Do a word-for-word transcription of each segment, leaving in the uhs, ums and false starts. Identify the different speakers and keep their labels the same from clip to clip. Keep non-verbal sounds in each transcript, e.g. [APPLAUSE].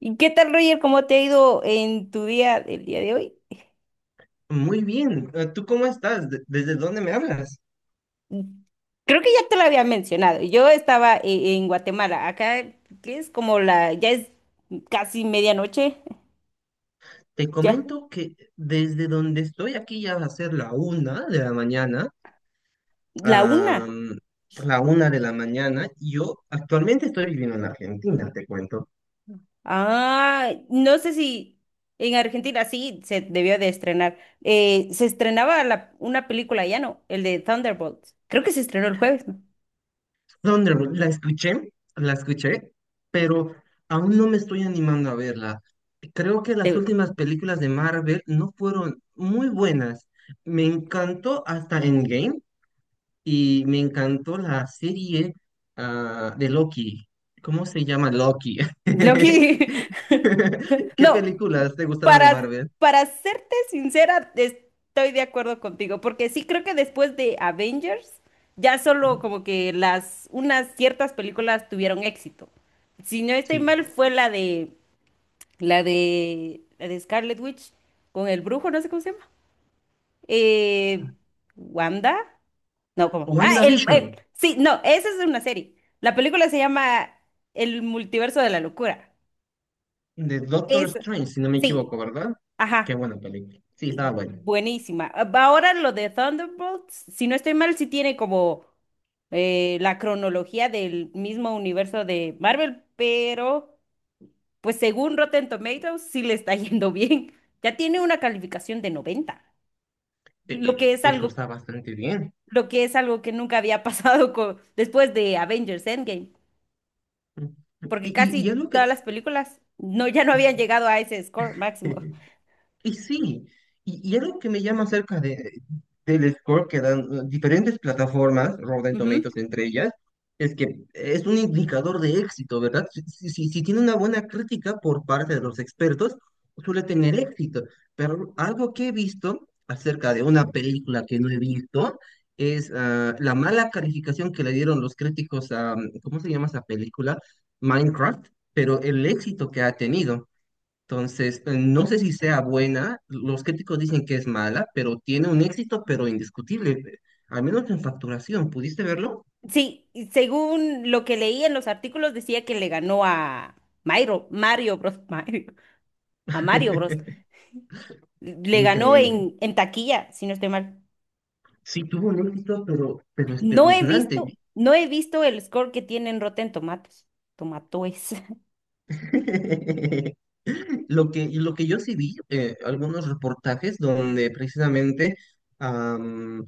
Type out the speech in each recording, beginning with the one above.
Speaker 1: ¿Y qué tal, Roger? ¿Cómo te ha ido en tu día, el día de hoy?
Speaker 2: Muy bien, eh, ¿tú cómo estás? ¿De- ¿Desde dónde me hablas?
Speaker 1: Creo que ya te lo había mencionado. Yo estaba e- en Guatemala. Acá, ¿qué es? Como la, ya es casi medianoche.
Speaker 2: Te
Speaker 1: Ya,
Speaker 2: comento que desde donde estoy aquí ya va a ser la una de la mañana,
Speaker 1: la una.
Speaker 2: am, la una de la mañana. Yo actualmente estoy viviendo en Argentina, te cuento.
Speaker 1: Ah, no sé si en Argentina sí se debió de estrenar. Eh, se estrenaba la- una película, ya no, el de Thunderbolts. Creo que se estrenó el jueves, ¿no?
Speaker 2: Donde la escuché, la escuché, pero aún no me estoy animando a verla. Creo que las
Speaker 1: Te-
Speaker 2: últimas películas de Marvel no fueron muy buenas. Me encantó hasta Endgame, y me encantó la serie ah, de Loki. ¿Cómo se llama Loki?
Speaker 1: Lo que
Speaker 2: [LAUGHS]
Speaker 1: [LAUGHS]
Speaker 2: ¿Qué
Speaker 1: No,
Speaker 2: películas te gustaron de
Speaker 1: para,
Speaker 2: Marvel?
Speaker 1: para serte sincera, estoy de acuerdo contigo, porque sí creo que después de Avengers, ya solo
Speaker 2: Ujú.
Speaker 1: como que las, unas ciertas películas tuvieron éxito. Si no estoy
Speaker 2: Sí.
Speaker 1: mal, fue la de, la de, la de Scarlet Witch con el brujo, no sé cómo se llama. Eh, Wanda, no, ¿cómo? Ah, el,
Speaker 2: WandaVision,
Speaker 1: el- sí, no, esa es una serie. La película se llama El multiverso de la locura.
Speaker 2: de Doctor
Speaker 1: Eso,
Speaker 2: Strange, si no me
Speaker 1: sí.
Speaker 2: equivoco, ¿verdad? Qué
Speaker 1: Ajá.
Speaker 2: buena película. Sí, estaba bueno.
Speaker 1: Buenísima. Ah, ahora lo de Thunderbolts, si no estoy mal, sí tiene como eh, la cronología del mismo universo de Marvel, pero pues según Rotten Tomatoes sí le está [LAUGHS] yendo bien. Ya tiene una calificación de noventa, lo que es
Speaker 2: Eso
Speaker 1: algo,
Speaker 2: está bastante bien.
Speaker 1: lo que es algo que nunca había [LAUGHS] pasado con, después de Avengers Endgame,
Speaker 2: Y,
Speaker 1: porque
Speaker 2: y, y
Speaker 1: casi
Speaker 2: algo que...
Speaker 1: todas las películas no, ya no habían llegado a ese score máximo.
Speaker 2: [LAUGHS] Y sí, y, y algo que me llama acerca de, del score que dan eh, diferentes plataformas, Rotten Tomatoes entre ellas, es que es un indicador de éxito, ¿verdad? Si, si, si- si tiene una buena crítica por parte de los expertos, suele tener éxito. Pero algo que he visto acerca de una película que no he visto es ah, la mala calificación que le dieron los críticos a, ¿cómo se llama esa película? Minecraft, pero el éxito que ha tenido. Entonces, eh, no sé si sea buena, los críticos dicen que es mala, pero tiene un éxito, pero indiscutible, eh, al menos en facturación, ¿pudiste verlo?
Speaker 1: Sí, y según lo que leí en los artículos decía que le ganó a Mario, Mario Bros, [LAUGHS] Mario, a Mario Bros.
Speaker 2: [LAUGHS]
Speaker 1: Le ganó
Speaker 2: Increíble.
Speaker 1: en, en taquilla, si no estoy mal.
Speaker 2: Sí, tuvo un éxito, pero, pero
Speaker 1: No he
Speaker 2: espeluznante.
Speaker 1: visto, no he visto el score que tiene en Rotten Tomatoes. Tomatoes.
Speaker 2: [LAUGHS] Lo que, y lo que yo sí vi, eh, algunos reportajes donde precisamente am,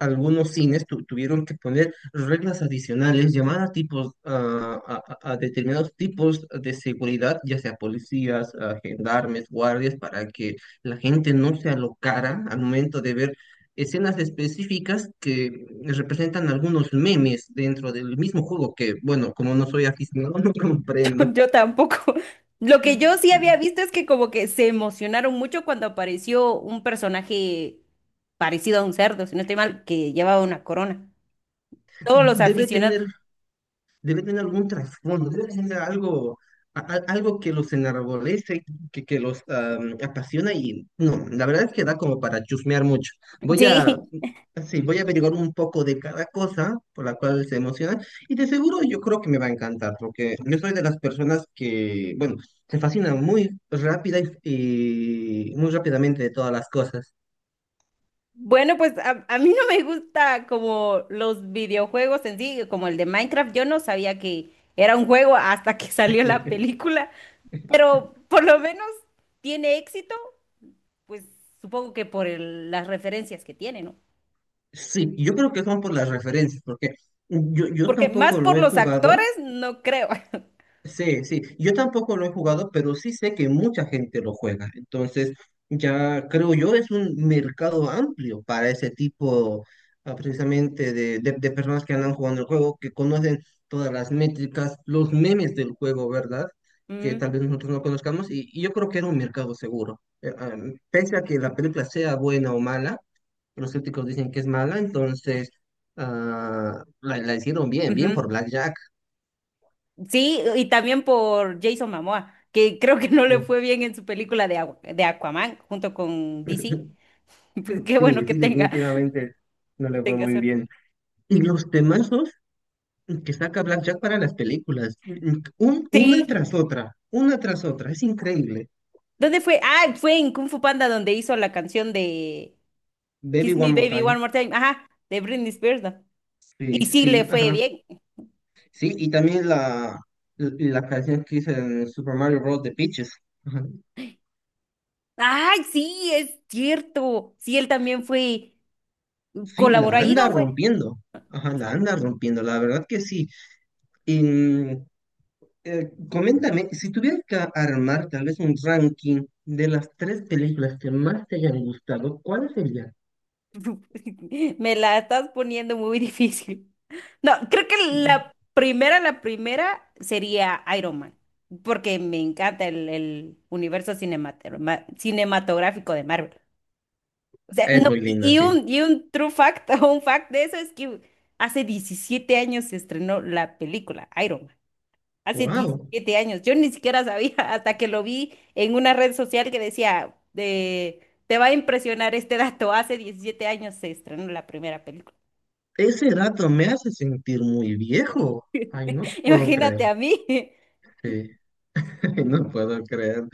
Speaker 2: algunos cines tu- tuvieron que poner reglas adicionales, llamar a tipos, ah, a, a- a determinados tipos de seguridad, ya sea policías, a gendarmes, guardias, para que la gente no se alocara al momento de ver escenas específicas que representan algunos memes dentro del mismo juego, que bueno, como no soy aficionado, [LAUGHS] no
Speaker 1: [LAUGHS]
Speaker 2: comprendo.
Speaker 1: Yo tampoco. Lo que yo sí había visto es que como que se emocionaron mucho cuando apareció un personaje parecido a un cerdo, si no estoy mal, que llevaba una corona. Todos los
Speaker 2: debe
Speaker 1: aficionados.
Speaker 2: tener, Debe tener algún trasfondo, debe tener algo, a- a- algo que los enarbolece, que, que los am, apasiona y no, la verdad es que da como para chusmear mucho.
Speaker 1: [LAUGHS]
Speaker 2: Voy a,
Speaker 1: Sí,
Speaker 2: sí, voy a averiguar un poco de cada cosa por la cual se emociona y de seguro yo creo que me va a encantar porque yo soy de las personas que, bueno, se fascina muy rápida y, y muy rápidamente de todas las cosas.
Speaker 1: bueno, pues a, a mí no me gusta como los videojuegos en sí, como el de Minecraft. Yo no sabía que era un juego hasta que [LAUGHS] salió la
Speaker 2: [LAUGHS]
Speaker 1: película, pero por lo menos tiene éxito, pues supongo que por el- las referencias que tiene, ¿no?
Speaker 2: Sí, yo creo que son por las referencias, porque yo, yo
Speaker 1: Porque más
Speaker 2: tampoco lo
Speaker 1: por
Speaker 2: he
Speaker 1: los
Speaker 2: jugado,
Speaker 1: actores, no creo. [LAUGHS]
Speaker 2: Sí, sí. Yo tampoco lo he jugado, pero sí sé que mucha gente lo juega. Entonces, ya creo yo es un mercado amplio para ese tipo, ah, precisamente, de, de- de personas que andan jugando el juego, que conocen todas las métricas, los memes del juego, ¿verdad? Que
Speaker 1: Mm,
Speaker 2: tal vez nosotros no conozcamos. Y, y yo creo que era un mercado seguro. Eh, ah, pese a que la película sea buena o mala, los críticos dicen que es mala, entonces ah, la, la hicieron bien, bien
Speaker 1: ujú.
Speaker 2: por Blackjack.
Speaker 1: Sí, y también por Jason Momoa, que creo que no le fue bien en su película de, agua, de Aquaman junto con D C. [LAUGHS]
Speaker 2: Sí,
Speaker 1: Pues qué bueno que
Speaker 2: sí,
Speaker 1: tenga,
Speaker 2: definitivamente no
Speaker 1: que
Speaker 2: le fue
Speaker 1: tenga
Speaker 2: muy
Speaker 1: suerte.
Speaker 2: bien. Y los temazos que saca Blackjack para las películas, un- una
Speaker 1: Sí.
Speaker 2: tras otra, una tras otra, es increíble.
Speaker 1: ¿Dónde fue? Ah, fue en Kung Fu Panda donde hizo la canción de
Speaker 2: Baby
Speaker 1: Kiss Me
Speaker 2: One More
Speaker 1: Baby One
Speaker 2: Time,
Speaker 1: More Time. Ajá, de Britney Spears, ¿no?
Speaker 2: sí,
Speaker 1: Y sí le
Speaker 2: sí,
Speaker 1: fue
Speaker 2: ajá.
Speaker 1: bien.
Speaker 2: Sí, y también la, la canción que hizo en Super Mario Bros. De Peaches, ajá.
Speaker 1: Ay, sí, es cierto. Sí, él también fue,
Speaker 2: Sí, la
Speaker 1: colaboró ahí,
Speaker 2: anda
Speaker 1: ¿no fue?
Speaker 2: rompiendo, ajá, la anda rompiendo, la verdad que sí. Y Eh, coméntame, si tuvieras que armar tal vez un ranking de las tres películas que más te hayan gustado, ¿cuál sería?
Speaker 1: [LAUGHS] Me la estás poniendo muy [LAUGHS] difícil. No, creo que la primera, la primera sería Iron Man, porque me encanta el, el universo cinematera- ma- cinematográfico de Marvel. O sea,
Speaker 2: Es
Speaker 1: no,
Speaker 2: muy
Speaker 1: y
Speaker 2: linda,
Speaker 1: y
Speaker 2: sí.
Speaker 1: un, y un true fact [LAUGHS] o un fact de eso es que hace diecisiete años se estrenó la película Iron Man. Hace
Speaker 2: Wow,
Speaker 1: diecisiete años. Yo ni siquiera sabía [LAUGHS] hasta que lo vi en una red social que decía, de, te va a impresionar este dato. Hace diecisiete años se estrenó la primera película.
Speaker 2: ese dato me hace sentir muy viejo. Ay, no te
Speaker 1: [LAUGHS]
Speaker 2: puedo
Speaker 1: Imagínate
Speaker 2: creer.
Speaker 1: a mí. [LAUGHS]
Speaker 2: Sí, [LAUGHS] no puedo creer.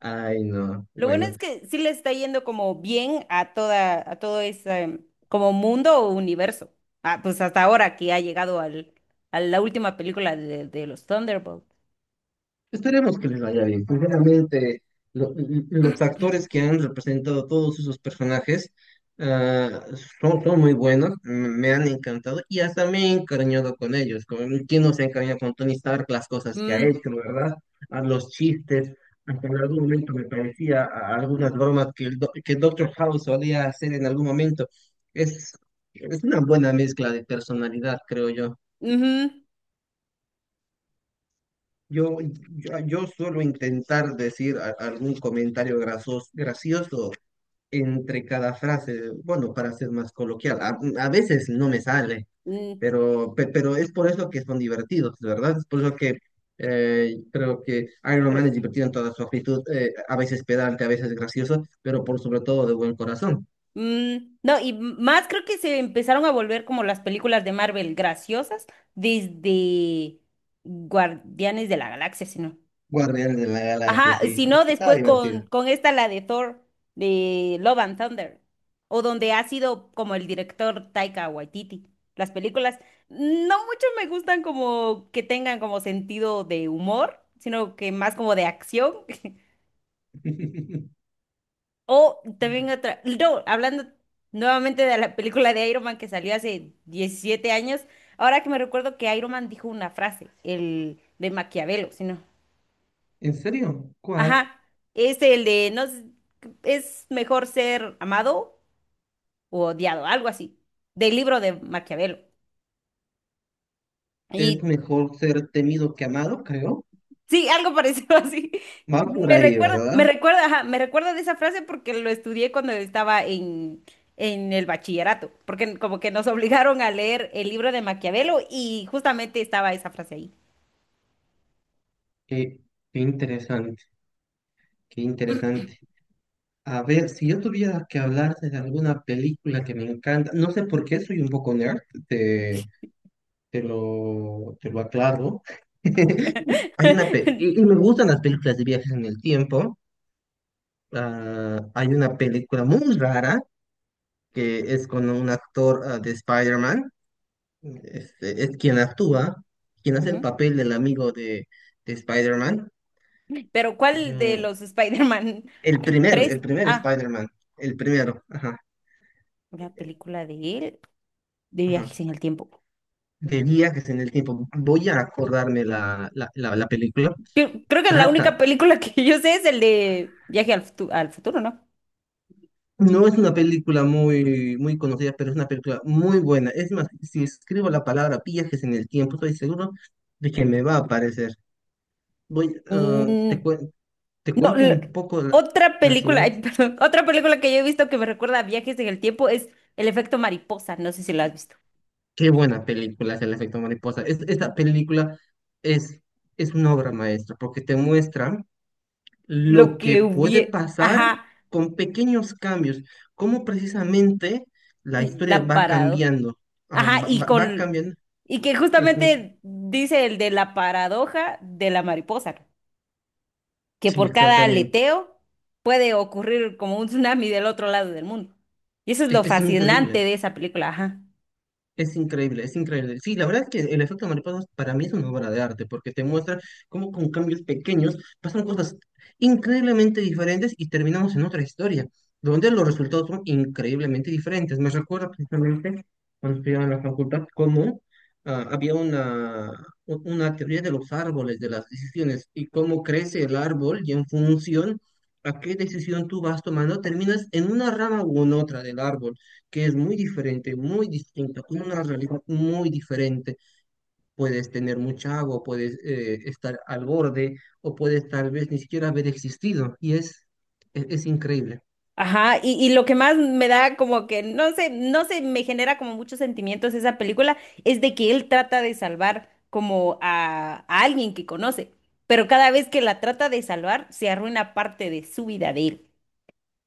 Speaker 2: Ay, no.
Speaker 1: Lo bueno
Speaker 2: Bueno,
Speaker 1: es que sí le está yendo como bien a toda, a todo ese como mundo o universo. Ah, pues hasta ahora que ha llegado al, a la última película de, de los Thunderbolts.
Speaker 2: esperemos que les vaya bien. Sinceramente, lo- los actores que han representado todos esos personajes ah, son, son muy buenos, m- me han encantado y hasta me he encariñado con ellos. Con, ¿quién no se ha encariñado con Tony Stark? Las cosas que ha
Speaker 1: Mm,
Speaker 2: hecho, ¿verdad? A los chistes. Hasta en algún momento me parecía a a algunas bromas que, el, do- que Doctor House solía hacer en algún momento. Es, es una buena mezcla de personalidad, creo yo.
Speaker 1: ujú,
Speaker 2: Yo, yo, yo suelo intentar decir a- algún comentario grasos- gracioso entre cada frase, bueno, para ser más coloquial. A, a veces no me sale,
Speaker 1: mm,
Speaker 2: pero, pe- pero es por eso que son divertidos, ¿verdad? Es por eso que eh, creo que Iron
Speaker 1: pero,
Speaker 2: Man es divertido en toda su actitud, eh, a veces pedante, a veces gracioso, pero por sobre todo de buen corazón.
Speaker 1: mm, no, y más creo que se empezaron a volver como las películas de Marvel graciosas desde Guardianes de la Galaxia, si no.
Speaker 2: Guardianes de la Galaxia,
Speaker 1: Ajá,
Speaker 2: sí,
Speaker 1: si no,
Speaker 2: está
Speaker 1: después con,
Speaker 2: divertido.
Speaker 1: con esta, la de Thor, de Love and Thunder, o donde ha sido como el director Taika Waititi. Las películas no mucho me gustan como que tengan como sentido de humor, sino que más como de acción.
Speaker 2: [LAUGHS]
Speaker 1: O también otra, no, hablando nuevamente de la película de Iron Man que salió hace diecisiete años, ahora que me recuerdo que Iron Man dijo una frase, el de Maquiavelo, si no.
Speaker 2: ¿En serio? ¿Cuál?
Speaker 1: Ajá, es el de, no, s- es mejor ser amado o odiado, algo así, del libro de Maquiavelo.
Speaker 2: Es
Speaker 1: Y
Speaker 2: mejor ser temido que amado, creo.
Speaker 1: sí, algo parecido [LAUGHS] así.
Speaker 2: Va por
Speaker 1: Me
Speaker 2: ahí,
Speaker 1: recuerda, me
Speaker 2: ¿verdad?
Speaker 1: recuerda, ajá, me recuerda de esa frase porque lo estudié cuando estaba en, en el bachillerato, porque como que nos obligaron a leer el libro de Maquiavelo y justamente estaba esa frase ahí.
Speaker 2: Qué, qué interesante, qué interesante. A ver, si yo tuviera que hablarte de alguna película que me encanta, no sé por qué soy un poco nerd, te, te lo, te lo aclaro. [LAUGHS] Hay una pe- y, y
Speaker 1: [LAUGHS]
Speaker 2: me gustan las películas de viajes en el tiempo. Ah, hay una película muy rara que es con un actor ah, de Spider-Man. Este, es quien actúa, quien hace el
Speaker 1: Ujú.
Speaker 2: papel del amigo de, de Spider-Man.
Speaker 1: Pero ¿cuál de
Speaker 2: Mm,
Speaker 1: los Spider-Man?
Speaker 2: El
Speaker 1: Hay
Speaker 2: primer, el
Speaker 1: tres.
Speaker 2: primer
Speaker 1: Ah,
Speaker 2: Spider-Man, el primero, ajá,
Speaker 1: una película de él, de
Speaker 2: ajá.
Speaker 1: viajes en el tiempo.
Speaker 2: De viajes en el tiempo. Voy a acordarme la, la, la- la película.
Speaker 1: Cre- Creo que la única
Speaker 2: Trata,
Speaker 1: película que yo sé es el de Viaje al, Futu- al futuro, ¿no?
Speaker 2: no es una película muy, muy conocida, pero es una película muy buena. Es más, si escribo la palabra viajes en el tiempo, estoy seguro de que me va a aparecer. Voy, ah, te,
Speaker 1: Mm,
Speaker 2: cuen- te
Speaker 1: no,
Speaker 2: cuento
Speaker 1: lo-
Speaker 2: un poco la,
Speaker 1: otra
Speaker 2: la
Speaker 1: película,
Speaker 2: sinopsis.
Speaker 1: ay, [LAUGHS] perdón, otra película que yo he visto que me recuerda a viajes en el tiempo es El efecto mariposa, no sé si lo has visto.
Speaker 2: Qué buena película es El efecto mariposa. Es- esta película es, es una obra maestra porque te muestra
Speaker 1: Lo
Speaker 2: lo que
Speaker 1: que
Speaker 2: puede
Speaker 1: hubiera,
Speaker 2: pasar
Speaker 1: ajá,
Speaker 2: con pequeños cambios, cómo precisamente la historia
Speaker 1: la
Speaker 2: va
Speaker 1: parado.
Speaker 2: cambiando, Ajá,
Speaker 1: Ajá,
Speaker 2: va,
Speaker 1: y
Speaker 2: va- va
Speaker 1: con
Speaker 2: cambiando.
Speaker 1: y que
Speaker 2: en fun-
Speaker 1: justamente dice el de la paradoja de la mariposa, que
Speaker 2: Sí,
Speaker 1: por cada
Speaker 2: exactamente.
Speaker 1: aleteo puede ocurrir como un tsunami del otro lado del mundo. Y eso es
Speaker 2: Es,
Speaker 1: lo
Speaker 2: es
Speaker 1: fascinante
Speaker 2: increíble.
Speaker 1: de esa película, ajá.
Speaker 2: Es increíble, es increíble. Sí, la verdad es que el efecto mariposa para mí es una obra de arte, porque te muestra cómo con cambios pequeños pasan cosas increíblemente diferentes y terminamos en otra historia, donde los resultados son increíblemente diferentes. Me recuerdo precisamente cuando estudiaba en la facultad cómo ah, había una, u- una teoría de los árboles, de las decisiones, y cómo crece el árbol y en función a qué decisión tú vas tomando, terminas en una rama u en otra del árbol que es muy diferente, muy distinta, con una realidad muy diferente. Puedes tener mucha agua, puedes eh, estar al borde o puedes tal vez ni siquiera haber existido y es, es, es increíble.
Speaker 1: Ajá, y, y lo que más me da como que, no sé, no sé, me genera como muchos sentimientos esa película, es de que él trata de salvar como a, a alguien que conoce, pero cada vez que la trata de salvar, se arruina parte de su vida de él.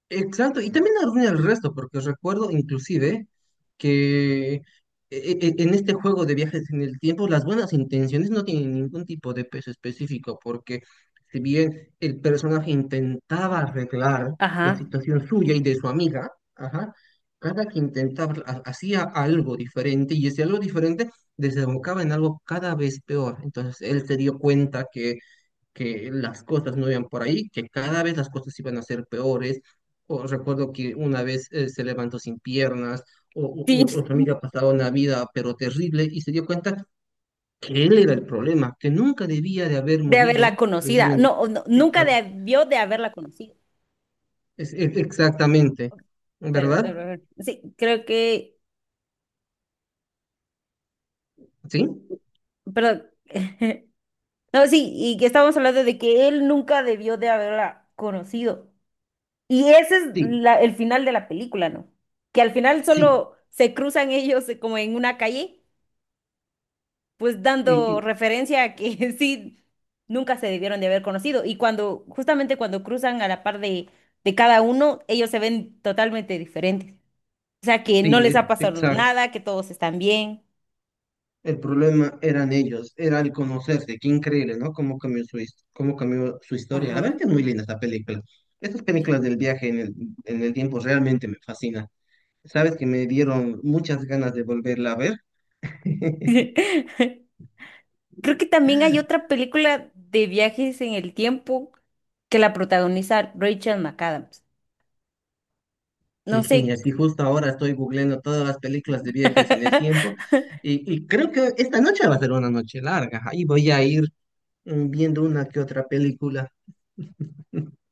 Speaker 2: Exacto, y también arruina el resto, porque os recuerdo inclusive que e- e- e, en este juego de viajes en el tiempo las buenas intenciones no tienen ningún tipo de peso específico, porque si bien el personaje intentaba arreglar la
Speaker 1: Ajá,
Speaker 2: situación suya y de su amiga, ajá, cada que intentaba ha- hacía algo diferente y ese algo diferente desembocaba en algo cada vez peor. Entonces él se dio cuenta que que las cosas no iban por ahí, que cada vez las cosas iban a ser peores. O recuerdo que una vez eh, se levantó sin piernas, o,
Speaker 1: sí,
Speaker 2: o, o su
Speaker 1: [LAUGHS]
Speaker 2: amiga pasaba una vida pero terrible y se dio cuenta que él era el problema, que nunca debía de haber
Speaker 1: de haberla
Speaker 2: movido
Speaker 1: conocida.
Speaker 2: precisamente.
Speaker 1: No, o no, nunca
Speaker 2: Exact-
Speaker 1: debió de haberla conocido,
Speaker 2: es- es- exactamente,
Speaker 1: pero de
Speaker 2: ¿verdad?
Speaker 1: haber- sí, creo que,
Speaker 2: ¿Sí?
Speaker 1: perdón. [LAUGHS] No, sí, y que estábamos hablando de que él nunca debió de haberla conocido. Y ese es
Speaker 2: Sí,
Speaker 1: la- el final de la película, ¿no? Que al final
Speaker 2: sí.
Speaker 1: solo se cruzan ellos eh, como en una calle, pues
Speaker 2: Y,
Speaker 1: dando
Speaker 2: y-
Speaker 1: referencia a que [LAUGHS] sí, nunca se debieron de haber conocido. Y cuando, justamente cuando cruzan a la par de, de cada uno, ellos se ven totalmente diferentes. O sea, que
Speaker 2: sí,
Speaker 1: no les ha
Speaker 2: e-
Speaker 1: pasado
Speaker 2: exacto.
Speaker 1: nada, que todos están bien.
Speaker 2: El problema eran ellos, era el conocerse. Qué increíble, ¿no? Cómo cambió su, his- cómo cambió su historia. La
Speaker 1: Ajá,
Speaker 2: verdad que es muy linda esta película. Estas
Speaker 1: sí.
Speaker 2: películas del viaje en el, en el tiempo realmente me fascinan. Sabes que me dieron muchas ganas de volverla a ver. [LAUGHS]
Speaker 1: [LAUGHS] Creo que también hay otra película de viajes en el tiempo que la protagoniza Rachel McAdams. No
Speaker 2: Qué
Speaker 1: sé.
Speaker 2: genial. Y justo ahora estoy googleando todas las películas de viajes en el tiempo.
Speaker 1: [LAUGHS]
Speaker 2: Y, y creo que esta noche va a ser una noche larga. Ahí voy a ir mm, viendo una que otra película. [LAUGHS]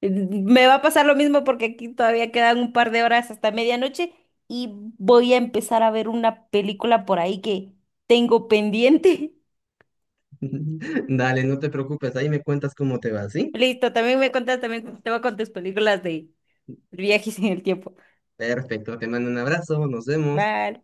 Speaker 1: Me va a pasar lo mismo porque aquí todavía quedan un par de horas hasta medianoche y voy a empezar a ver una película por ahí que tengo pendiente.
Speaker 2: Dale, no te preocupes. Ahí me cuentas cómo te va,
Speaker 1: [LAUGHS]
Speaker 2: ¿sí?
Speaker 1: Listo, también me contas, también te voy con tus películas de viajes en el tiempo.
Speaker 2: Perfecto, te mando un abrazo, nos vemos.
Speaker 1: Bye.